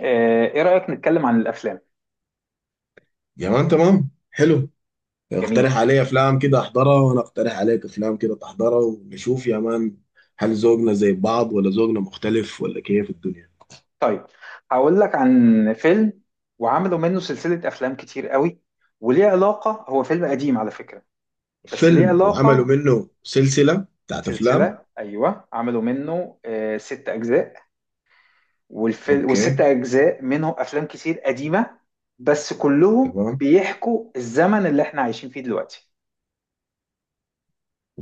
ايه رأيك نتكلم عن الافلام. يا مان، تمام، حلو. جميل. اقترح علي افلام كده احضرها، وانا اقترح عليك افلام كده تحضرها، ونشوف يا مان. هل ذوقنا زي بعض، ولا ذوقنا مختلف، ولا كيف الدنيا؟ طيب هقول لك عن فيلم وعملوا منه سلسلة افلام كتير قوي وليه علاقة، هو فيلم قديم على فكرة. بس ليه فيلم وعملوا علاقة. منه سلسلة بتاعت افلام. سلسلة، ايوه عملوا منه ست اجزاء. والفيلم والست اوكي. اجزاء منهم افلام كتير قديمة، بس كلهم تمام. بيحكوا الزمن اللي احنا عايشين فيه دلوقتي.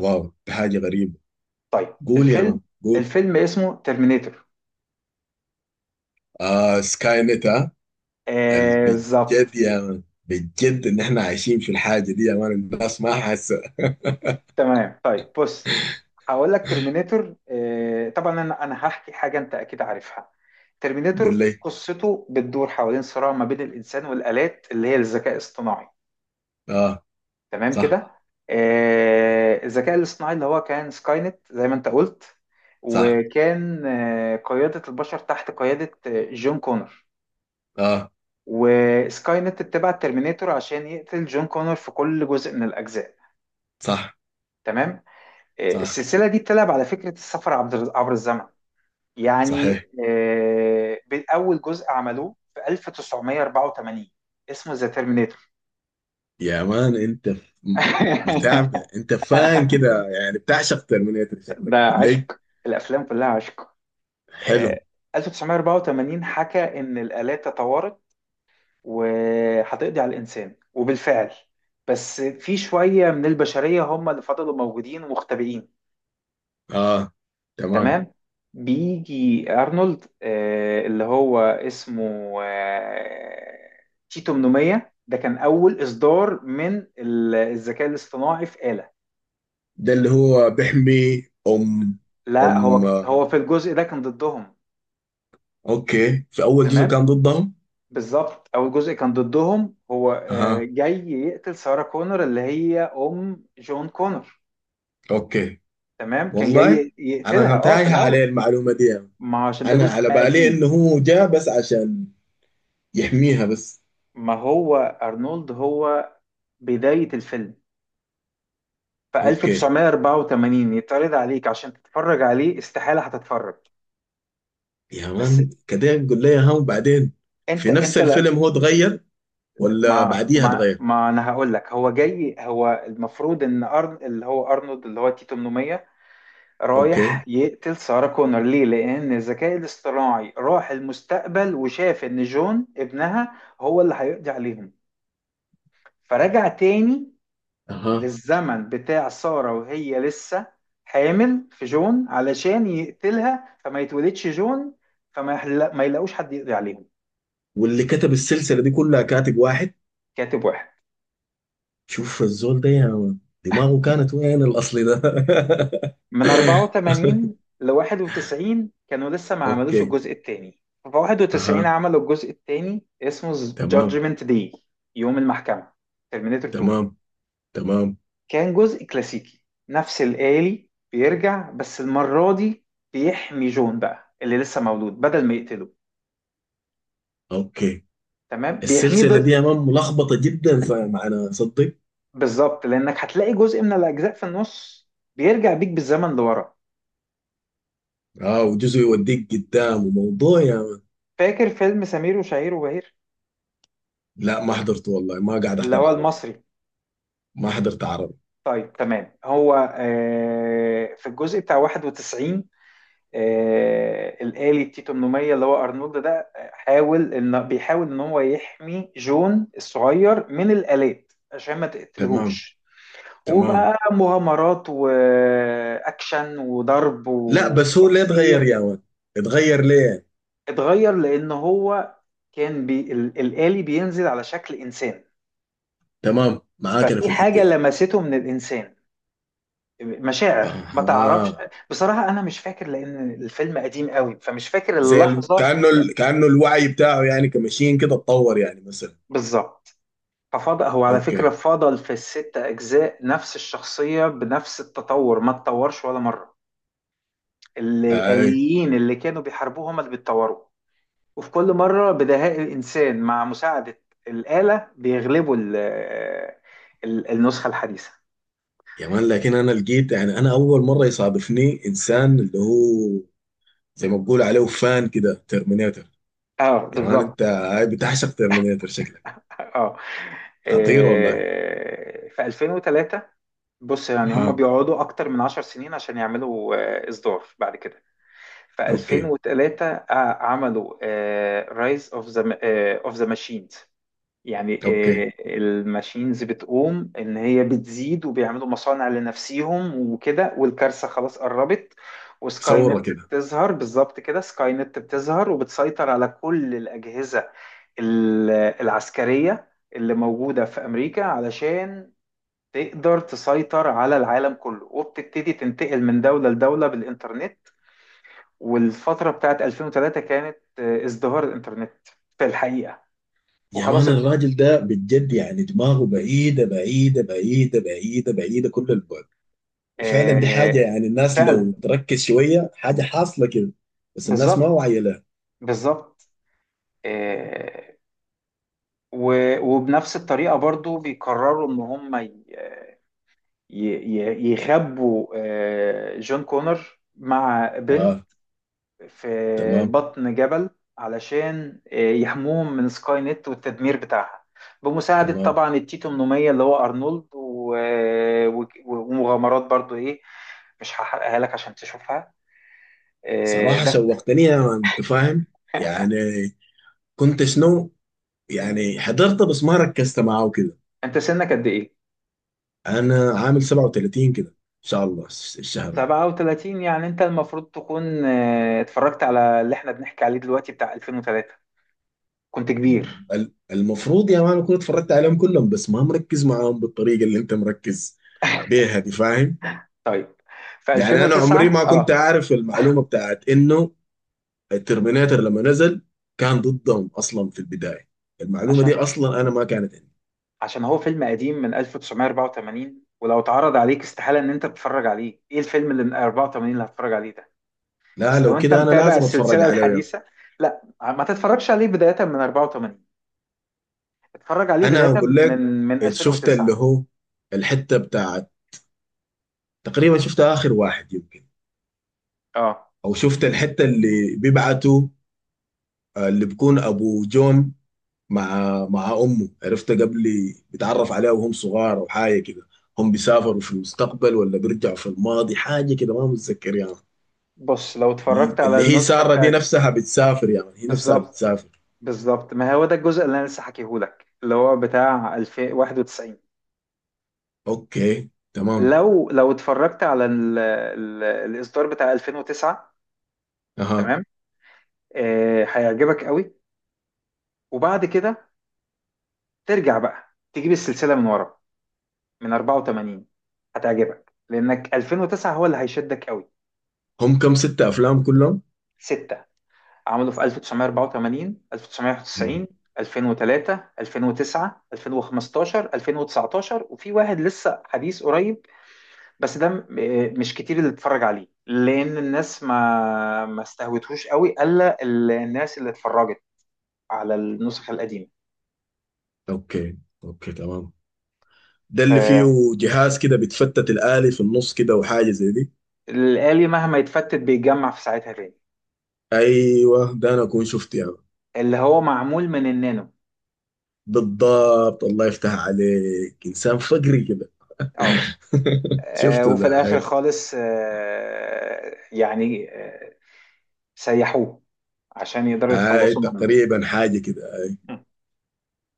واو، دي حاجة غريبة. طيب قول يا الفيلم، مان، قول. الفيلم اسمه ترمينيتور. آه، سكاي نت، ها. آه بالظبط. بجد يا مان، بجد ان احنا عايشين في الحاجة دي يا مان، الناس ما حاسة. تمام طيب بص، هقول لك ترمينيتور. طبعا انا هحكي حاجه انت اكيد عارفها. قول ترمينيتور لي. قصته بتدور حوالين صراع ما بين الانسان والالات اللي هي الذكاء الاصطناعي. اه. تمام صح. كده. الذكاء الاصطناعي اللي هو كان سكاي نت زي ما انت قلت، صح. وكان قياده البشر تحت قياده جون كونر. اه. وسكاي نت اتبع الترمينيتور عشان يقتل جون كونر في كل جزء من الاجزاء. صح. تمام. صح. السلسله دي بتلعب على فكره السفر عبر الزمن، يعني. صحيح. آه، أول جزء عملوه في 1984، اسمه ذا ترمينيتور. يا مان، انت متابع، انت فان كده يعني، بتعشق ترمينيتر ده شكلك، قول لي. عشق، الأفلام كلها عشق. حلو. آه، 1984 حكى إن الآلات تطورت وهتقضي على الإنسان، وبالفعل بس في شوية من البشرية هم اللي فضلوا موجودين ومختبئين. اه، تمام. تمام. بيجي ارنولد اللي هو اسمه تيتو 800، ده كان اول اصدار من الذكاء الاصطناعي في آلة. ده اللي هو بيحمي ام؟ لا هو آه. هو في الجزء ده كان ضدهم. اوكي، في اول جزء تمام كان ضدهم. بالظبط، اول جزء كان ضدهم، هو اها. جاي يقتل سارة كونر اللي هي ام جون كونر. اوكي. تمام كان والله جاي انا يقتلها كنت اه في تايه عليه الاول. المعلومه دي يعني. ما عشان ده انا جزء على بالي انه قديم. هو جاء بس عشان يحميها بس. ما هو ارنولد، هو بداية الفيلم في اوكي. 1984 يتعرض عليك عشان تتفرج عليه، استحالة هتتفرج. يا بس مان كده قول لي، ها، وبعدين؟ انت في نفس انت لا. الفيلم هو اتغير، ولا ما بعديها ما اتغير؟ ما انا هقول لك، هو جاي، هو المفروض ان أرن اللي هو ارنولد اللي هو تي 800 رايح اوكي. يقتل سارة كونر ليه؟ لان الذكاء الاصطناعي راح المستقبل وشاف ان جون ابنها هو اللي هيقضي عليهم، فرجع تاني اها. للزمن بتاع سارة وهي لسه حامل في جون علشان يقتلها فما يتولدش جون، ما يلاقوش حد يقضي عليهم. واللي كتب السلسله دي كلها كاتب واحد؟ كاتب واحد. شوف الزول ده يا مان، دماغه كانت وين الاصلي ده. من 84 ل 91 كانوا لسه ما عملوش اوكي. الجزء الثاني. في 91 اها. عملوا الجزء الثاني اسمه تمام. Judgment Day، يوم المحكمة، ترمينيتور 2. تمام. تمام. كان جزء كلاسيكي. نفس الآلي بيرجع، بس المرة دي بيحمي جون بقى اللي لسه مولود بدل ما يقتله. اوكي. تمام بيحميه السلسله دي ضد. يا مان ملخبطه جدا، فمعنى صدق. بالظبط، لانك هتلاقي جزء من الاجزاء في النص بيرجع بيك بالزمن لورا. اه، وجزء يوديك قدام، وموضوع يا مان. فاكر فيلم سمير وشهير وبهير، لا، ما حضرته والله، ما قاعد اللي احضر هو عربي. المصري. ما حضرت عربي. طيب تمام، هو في الجزء بتاع 91، الآلي التي 800 اللي هو ارنولد ده، حاول ان بيحاول ان هو يحمي جون الصغير من الآلات عشان ما تمام. تقتلهوش، تمام. وبقى مغامرات واكشن وضرب لا بس هو ليه اتغير يا وتكسير. مان؟ اتغير ليه؟ اتغير لان هو كان الآلي بينزل على شكل انسان، تمام، معاك انا في ففي الحته حاجة دي. لمسته من الانسان، مشاعر ما تعرفش. اها. بصراحة انا مش فاكر لان الفيلم قديم قوي، فمش فاكر اللحظة. كأنه الوعي بتاعه يعني، كمشين كده اتطور يعني مثلا. بالظبط. ففضل هو على فكرة اوكي. فضل في الست اجزاء نفس الشخصية بنفس التطور، ما اتطورش ولا مرة. اي. الآليين اللي كانوا بيحاربوه هما اللي بيتطوروا، وفي كل مرة بدهاء الإنسان مع مساعدة الآلة بيغلبوا النسخة الحديثة. يا مان، لكن انا لقيت يعني، انا اول مره يصادفني انسان اللي هو زي ما بقول عليه فان كده ترمينيتر. اه يا مان، انت بالظبط. هاي بتعشق ترمينيتر شكلك. اه. خطير والله. في 2003، بص يعني هم ها. بيقعدوا اكتر من 10 سنين عشان يعملوا اصدار بعد كده. في اوكي. 2003 عملوا رايز اوف ذا، اوف ذا ماشينز، يعني. اوكي. الماشينز بتقوم ان هي بتزيد وبيعملوا مصانع لنفسيهم وكده، والكارثه خلاص قربت، وسكاي صوره نت كده. بتظهر. بالظبط كده، سكاي نت بتظهر وبتسيطر على كل الاجهزه ال- العسكريه اللي موجوده في امريكا، علشان تقدر تسيطر على العالم كله، وبتبتدي تنتقل من دوله لدوله بالانترنت. والفتره بتاعت 2003 كانت ازدهار الانترنت في الحقيقه، يا وخلاص. مان، الراجل ده بجد يعني، دماغه بعيدة بعيدة بعيدة بعيدة بعيدة كل البعد. وفعلا دي حاجة، آه، يعني الناس فعلا. لو تركز شوية، حاجة حاصلة كده. بس الناس ما بالظبط واعية لها. بالظبط. آه، وبنفس الطريقة برضو بيقرروا ان هم يخبوا جون كونر مع بنت اه. في تمام. بطن جبل علشان يحموهم من سكاي نت والتدمير بتاعها، بمساعدة تمام. طبعا التيتو منومية اللي هو أرنولد ومغامرات برضو ايه. مش هحرقها لك عشان تشوفها. صراحة ده. شوقتني يا مان، انت فاهم؟ يعني كنت شنو يعني، حضرت بس ما ركزت معاه كده. انت سنك قد ايه؟ انا عامل 37 كده، ان شاء الله الشهر ده. 37، يعني انت المفروض تكون اتفرجت على اللي احنا بنحكي عليه دلوقتي بتاع 2003، كنت كبير. المفروض يا مان اكون اتفرجت عليهم كلهم، بس ما مركز معاهم بالطريقة اللي انت مركز بيها دي، فاهم؟ طيب في يعني انا عمري 2009 ما كنت اه. عارف المعلومة بتاعت انه الترميناتر لما نزل كان ضدهم اصلا في البدايه. المعلومه دي عشان، اصلا انا ما كانت عندي. عشان هو فيلم قديم من 1984، ولو اتعرض عليك استحالة ان انت تتفرج عليه. ايه الفيلم اللي من 84 اللي هتتفرج عليه ده؟ لا بس لو لو انت كده انا متابع لازم اتفرج السلسلة عليه يعني. الحديثة، لا ما تتفرجش عليه بداية من 84، اتفرج عليه بداية انا اقول من، لك، من شفت اللي 2009. هو الحته بتاعت، تقريبا شفت اخر واحد يمكن. اه او شفت الحته اللي بيبعتوا اللي بيكون ابو جون مع امه، عرفت قبل، بيتعرف عليها وهم صغار او حاجه كده. هم بيسافروا في المستقبل، ولا بيرجعوا في الماضي، حاجه كده ما متذكر يعني. بص، لو اتفرجت على اللي هي النسخة سارة دي بتاعت. نفسها بتسافر، يعني هي نفسها بالظبط بتسافر. بالظبط، ما هو ده الجزء اللي انا لسه حكيهولك اللي هو بتاع 2091. اوكي، تمام. لو لو اتفرجت على ال ال الاصدار بتاع 2009، اها. تمام، آه هيعجبك قوي. وبعد كده ترجع بقى تجيب السلسله من ورا، من 84، هتعجبك لانك 2009 هو اللي هيشدك قوي. هم كم، ستة افلام كلهم؟ سته. عملوا في 1984، مم. 1991، 2003، 2009، 2015، 2019، وفي واحد لسه حديث قريب، بس ده مش كتير اللي اتفرج عليه لان الناس ما استهوتهوش قوي، الا الناس اللي اتفرجت على النسخ القديمه. اوكي. اوكي، تمام. ده اللي فيه فالآلي جهاز كده بتفتت الآلي في النص كده وحاجة زي دي. مهما يتفتت بيتجمع في ساعتها تاني، ايوه، ده انا اكون شفته يعني. اللي هو معمول من النانو. بالضبط، الله يفتح عليك، انسان فقري كده. اه. شفته وفي ده هاي. الاخر خالص، يعني سيحوه عشان يقدروا هاي يتخلصوا منه. تقريبا حاجة كده،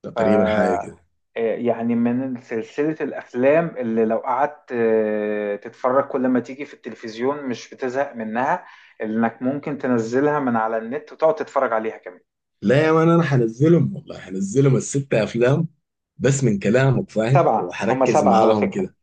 تقريبا حاجة ف، كده. يعني من سلسلة الأفلام اللي لو قعدت تتفرج كل ما تيجي في التلفزيون مش بتزهق منها، اللي إنك ممكن تنزلها من على النت وتقعد تتفرج عليها كمان. لا يا مان، انا هنزلهم والله، هنزلهم الستة افلام، بس من كلامك فاهم، سبعة، هما وهركز سبعة على معاهم فكرة. كده.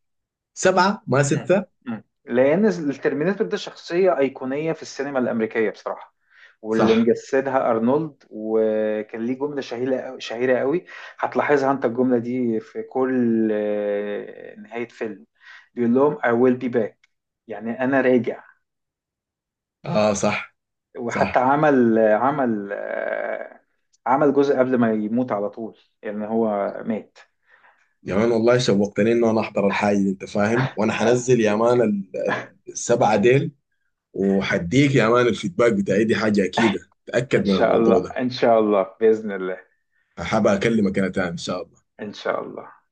سبعة، ما مم. ستة. مم. لان الترمينيتور ده شخصيه ايقونيه في السينما الامريكيه بصراحه، واللي صح. مجسدها ارنولد. وكان ليه جمله شهيره قوي، هتلاحظها انت الجمله دي في كل نهايه فيلم، بيقول لهم I will be back، يعني انا راجع. اه. صح. وحتى صح. عمل عمل جزء قبل ما يموت على طول، يعني هو مات. يا مان والله شوقتني انه انا احضر الحاجة دي، انت فاهم؟ وانا آه، هنزل يا مان السبعة ديل، وهديك يا مان الفيدباك بتاعي، دي حاجة اكيدة، ان تأكد من شاء الله الموضوع ده. ان شاء الله باذن الله هبقى اكلمك انا تاني ان شاء الله. ان شاء الله.